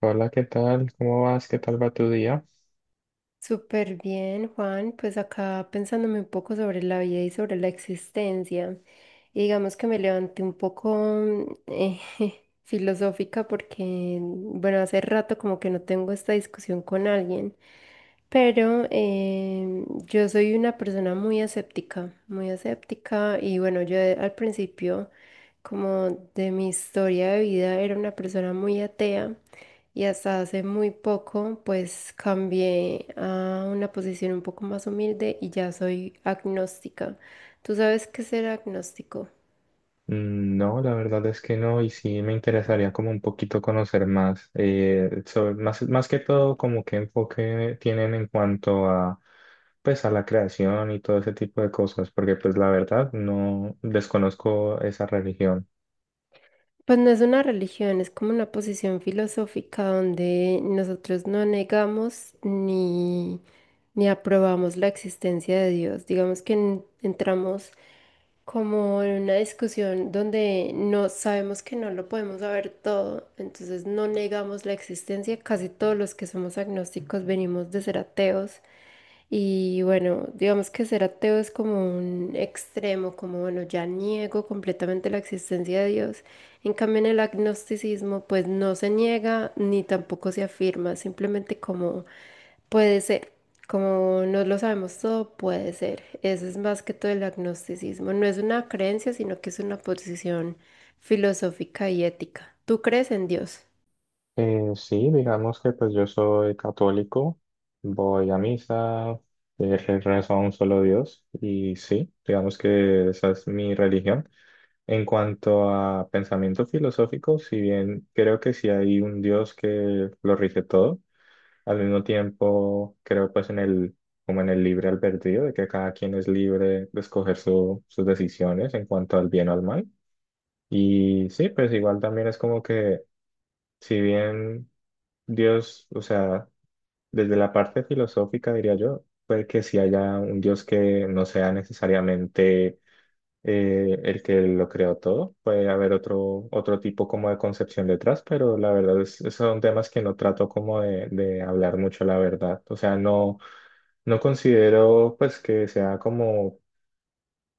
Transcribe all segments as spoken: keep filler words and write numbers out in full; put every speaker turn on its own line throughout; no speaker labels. Hola, ¿qué tal? ¿Cómo vas? ¿Qué tal va tu día?
Súper bien, Juan. Pues acá pensándome un poco sobre la vida y sobre la existencia. Y digamos que me levanté un poco mm, eh, filosófica porque, bueno, hace rato como que no tengo esta discusión con alguien. Pero eh, yo soy una persona muy aséptica, muy aséptica. Y bueno, yo eh, al principio, como de mi historia de vida, era una persona muy atea. Y hasta hace muy poco, pues cambié a una posición un poco más humilde y ya soy agnóstica. ¿Tú sabes qué es ser agnóstico?
Mm, no, la verdad es que no, y sí me interesaría como un poquito conocer más, eh, sobre, más, más que todo como qué enfoque tienen en cuanto a, pues a la creación y todo ese tipo de cosas, porque pues la verdad no desconozco esa religión.
Pues no es una religión, es como una posición filosófica donde nosotros no negamos ni, ni aprobamos la existencia de Dios. Digamos que en- entramos como en una discusión donde no sabemos que no lo podemos saber todo, entonces no negamos la existencia. Casi todos los que somos agnósticos venimos de ser ateos y bueno, digamos que ser ateo es como un extremo, como bueno, ya niego completamente la existencia de Dios. En cambio, en el agnosticismo, pues no se niega ni tampoco se afirma, simplemente como puede ser, como no lo sabemos todo, puede ser. Eso es más que todo el agnosticismo. No es una creencia, sino que es una posición filosófica y ética. ¿Tú crees en Dios?
Eh, sí, digamos que pues yo soy católico, voy a misa, eh, rezo a un solo Dios, y sí, digamos que esa es mi religión. En cuanto a pensamiento filosófico, si bien creo que sí hay un Dios que lo rige todo, al mismo tiempo creo pues en el, como en el libre albedrío, de que cada quien es libre de escoger su- sus decisiones en cuanto al bien o al mal. Y sí, pues igual también es como que si bien Dios, o sea, desde la parte filosófica diría yo, puede que sí haya un Dios que no sea necesariamente eh, el que lo creó todo. Puede haber otro, otro tipo como de concepción detrás, pero la verdad es, son temas que no trato como de, de hablar mucho, la verdad. O sea, no, no considero pues que sea como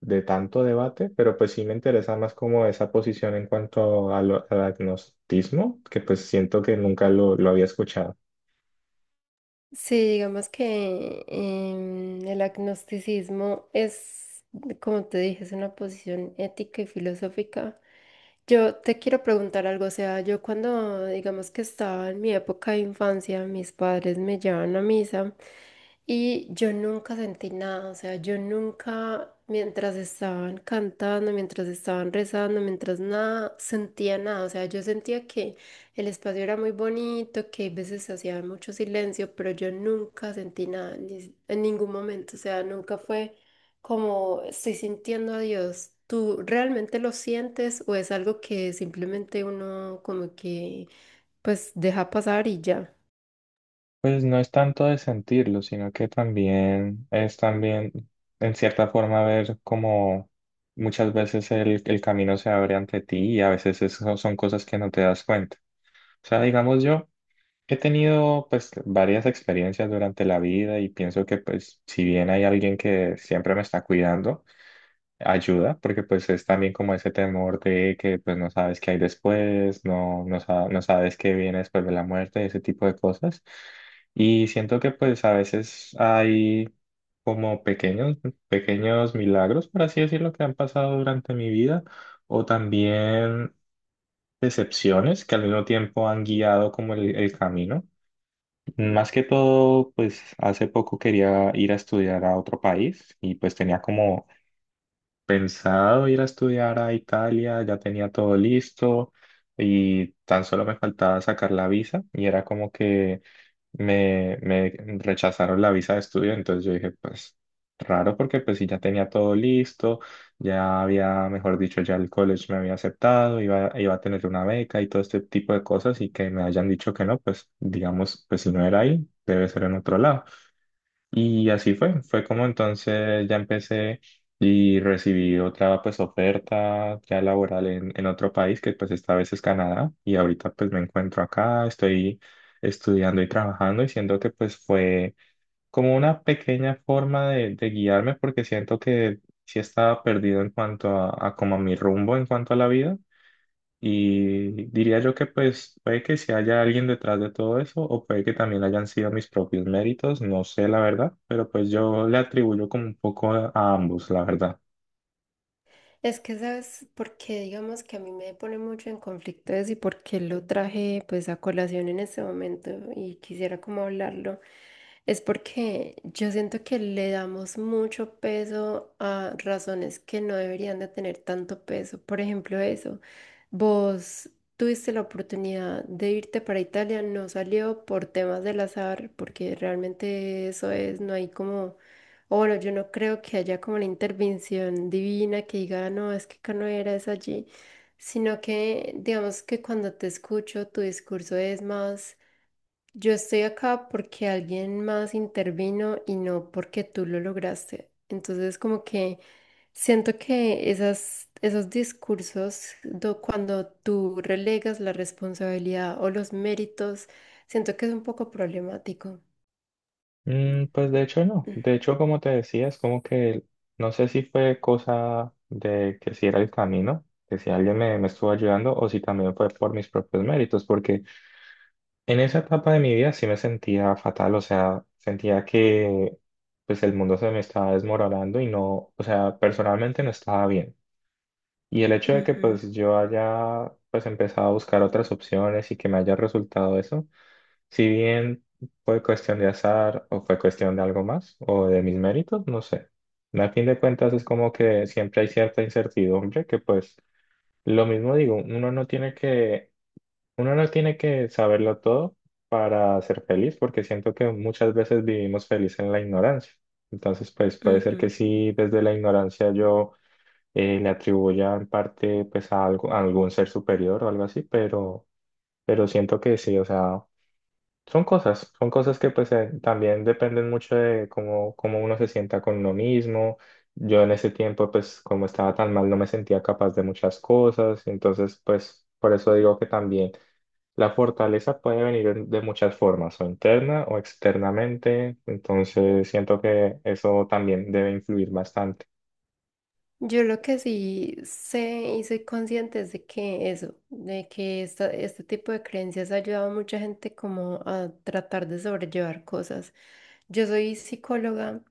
de tanto debate, pero pues sí me interesa más como esa posición en cuanto a lo- al agnosticismo, que pues siento que nunca lo, lo había escuchado.
Sí, digamos que em, el agnosticismo es, como te dije, es una posición ética y filosófica. Yo te quiero preguntar algo, o sea, yo cuando, digamos que estaba en mi época de infancia, mis padres me llevaban a misa y yo nunca sentí nada, o sea, yo nunca, mientras estaban cantando, mientras estaban rezando, mientras nada, sentía nada, o sea, yo sentía que el espacio era muy bonito, que a veces hacía mucho silencio, pero yo nunca sentí nada, ni- en ningún momento. O sea, nunca fue como estoy sintiendo a Dios. ¿Tú realmente lo sientes o es algo que simplemente uno como que pues deja pasar y ya?
Pues no es tanto de sentirlo, sino que también es también, en cierta forma, ver cómo muchas veces el, el camino se abre ante ti y a veces eso son cosas que no te das cuenta. O sea, digamos yo he tenido pues varias experiencias durante la vida y pienso que pues si bien hay alguien que siempre me está cuidando, ayuda, porque pues es también como ese temor de que pues no sabes qué hay después, no, no, sa- no sabes qué viene después de la muerte, ese tipo de cosas. Y siento que pues a veces hay como pequeños, pequeños milagros, por así decirlo, que han pasado durante mi vida, o también decepciones que al mismo tiempo han guiado como el, el camino. Más que todo, pues hace poco quería ir a estudiar a otro país y pues tenía como pensado ir a estudiar a Italia, ya tenía todo listo y tan solo me faltaba sacar la visa y era como que me, me rechazaron la visa de estudio, entonces yo dije, pues raro porque pues sí, ya tenía todo listo, ya había, mejor dicho, ya el college me había aceptado, iba, iba a tener una beca y todo este tipo de cosas y que me hayan dicho que no, pues digamos, pues si no era ahí, debe ser en otro lado. Y así fue, fue como entonces ya empecé y recibí otra pues oferta ya laboral en, en otro país que pues esta vez es Canadá y ahorita pues me encuentro acá, estoy estudiando y trabajando y siento que pues fue como una pequeña forma de, de guiarme porque siento que sí estaba perdido en cuanto a, a como a mi rumbo en cuanto a la vida y diría yo que pues puede que si haya alguien detrás de todo eso o puede que también hayan sido mis propios méritos, no sé la verdad, pero pues yo le atribuyo como un poco a a ambos, la verdad.
Es que sabes porque digamos que a mí me pone mucho en conflicto eso y por qué lo traje pues a colación en este momento y quisiera como hablarlo. Es porque yo siento que le damos mucho peso a razones que no deberían de tener tanto peso. Por ejemplo, eso, vos tuviste la oportunidad de irte para Italia, no salió por temas del azar, porque realmente eso es, no hay como o bueno, yo no creo que haya como la intervención divina que diga, no, es que acá no era, es allí, sino que digamos que cuando te escucho tu discurso es más, yo estoy acá porque alguien más intervino y no porque tú lo lograste. Entonces como que siento que esas, esos discursos, do- cuando tú relegas la responsabilidad o los méritos, siento que es un poco problemático.
Mm, pues de hecho no, de hecho como te decía, es como que no sé si fue cosa de que si era el camino, que si alguien me, me estuvo ayudando o si también fue por mis propios méritos, porque en esa etapa de mi vida sí me sentía fatal, o sea, sentía que pues el mundo se me estaba desmoronando y no, o sea, personalmente no estaba bien. Y el hecho de que
Ujú,
pues yo haya pues empezado a buscar otras opciones y que me haya resultado eso, si bien fue cuestión de azar o fue cuestión de algo más o de mis méritos, no sé. Al fin de cuentas es como que siempre hay cierta incertidumbre que pues lo mismo digo, uno no tiene que uno no tiene que saberlo todo para ser feliz, porque siento que muchas veces vivimos feliz en la ignorancia. Entonces, pues puede ser que
ujú.
sí, desde la ignorancia yo eh, le atribuya en parte pues a, algo, a algún ser superior o algo así, pero, pero siento que sí, o sea, son cosas, son cosas que pues eh, también dependen mucho de cómo, cómo uno se sienta con uno mismo. Yo en ese tiempo, pues como estaba tan mal, no me sentía capaz de muchas cosas, entonces pues por eso digo que también. La fortaleza puede venir de muchas formas, o interna o externamente, entonces siento que eso también debe influir bastante.
Yo lo que sí sé y soy consciente es de que eso, de que esta- este tipo de creencias ha ayudado a mucha gente como a tratar de sobrellevar cosas. Yo soy psicóloga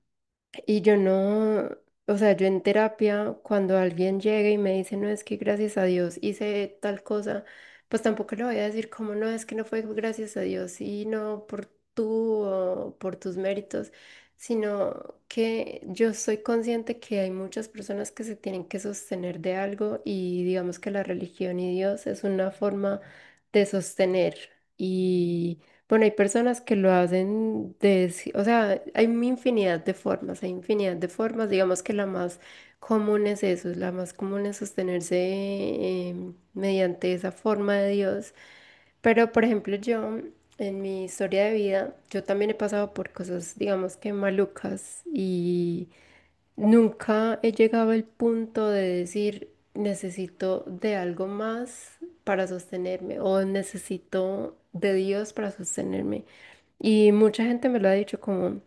y yo no, o sea, yo en terapia, cuando alguien llega y me dice, no, es que gracias a Dios hice tal cosa, pues tampoco le voy a decir como, no, es que no fue gracias a Dios, sino por tú o por tus méritos, sino que yo soy consciente que hay muchas personas que se tienen que sostener de algo y digamos que la religión y Dios es una forma de sostener. Bueno, hay personas que lo hacen de, ci- o sea, hay una infinidad de formas, hay infinidad de formas, digamos que la más común es eso, la más común es sostenerse em, mediante esa forma de Dios. Pero, por ejemplo, yo, en mi historia de vida, yo también he pasado por cosas, digamos que malucas y nunca he llegado al punto de decir necesito de algo más para sostenerme o necesito de Dios para sostenerme. Y mucha gente me lo ha dicho como...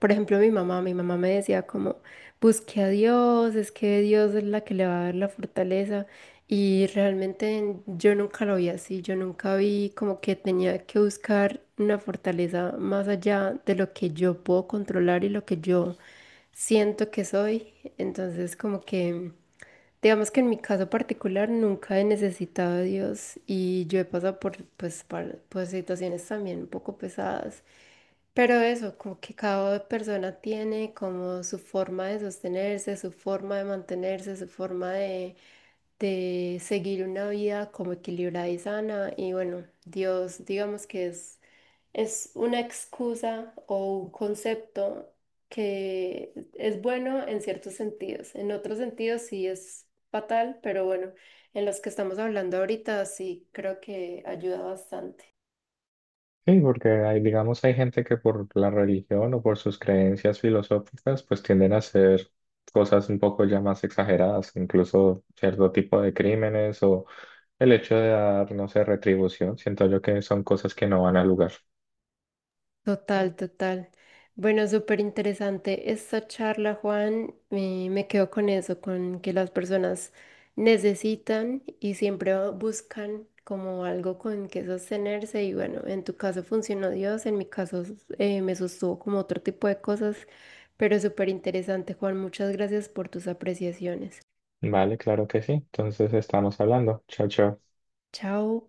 Por ejemplo, mi mamá, mi mamá me decía como, busque a Dios, es que Dios es la que le va a dar la fortaleza. Y realmente yo nunca lo vi así, yo nunca vi como que tenía que buscar una fortaleza más allá de lo que yo puedo controlar y lo que yo siento que soy. Entonces, como que, digamos que en mi caso particular nunca he necesitado a Dios y yo he pasado por, pues, par- por situaciones también un poco pesadas. Pero eso, como que cada persona tiene como su forma de sostenerse, su forma de mantenerse, su forma de, de seguir una vida como equilibrada y sana. Y bueno, Dios, digamos que es, es una excusa o un concepto que es bueno en ciertos sentidos. En otros sentidos sí es fatal, pero bueno, en los que estamos hablando ahorita sí creo que ayuda bastante.
Sí, porque hay, digamos, hay gente que por la religión o por sus creencias filosóficas, pues tienden a hacer cosas un poco ya más exageradas, incluso cierto tipo de crímenes o el hecho de dar, no sé, retribución. Siento yo que son cosas que no van al lugar.
Total, total. Bueno, súper interesante esta charla, Juan. Me, me quedo con eso, con que las personas necesitan y siempre buscan como algo con que sostenerse. Y bueno, en tu caso funcionó Dios, en mi caso eh, me sostuvo como otro tipo de cosas, pero súper interesante, Juan. Muchas gracias por tus apreciaciones.
Vale, claro que sí. Entonces estamos hablando. Chao, chao.
Chao.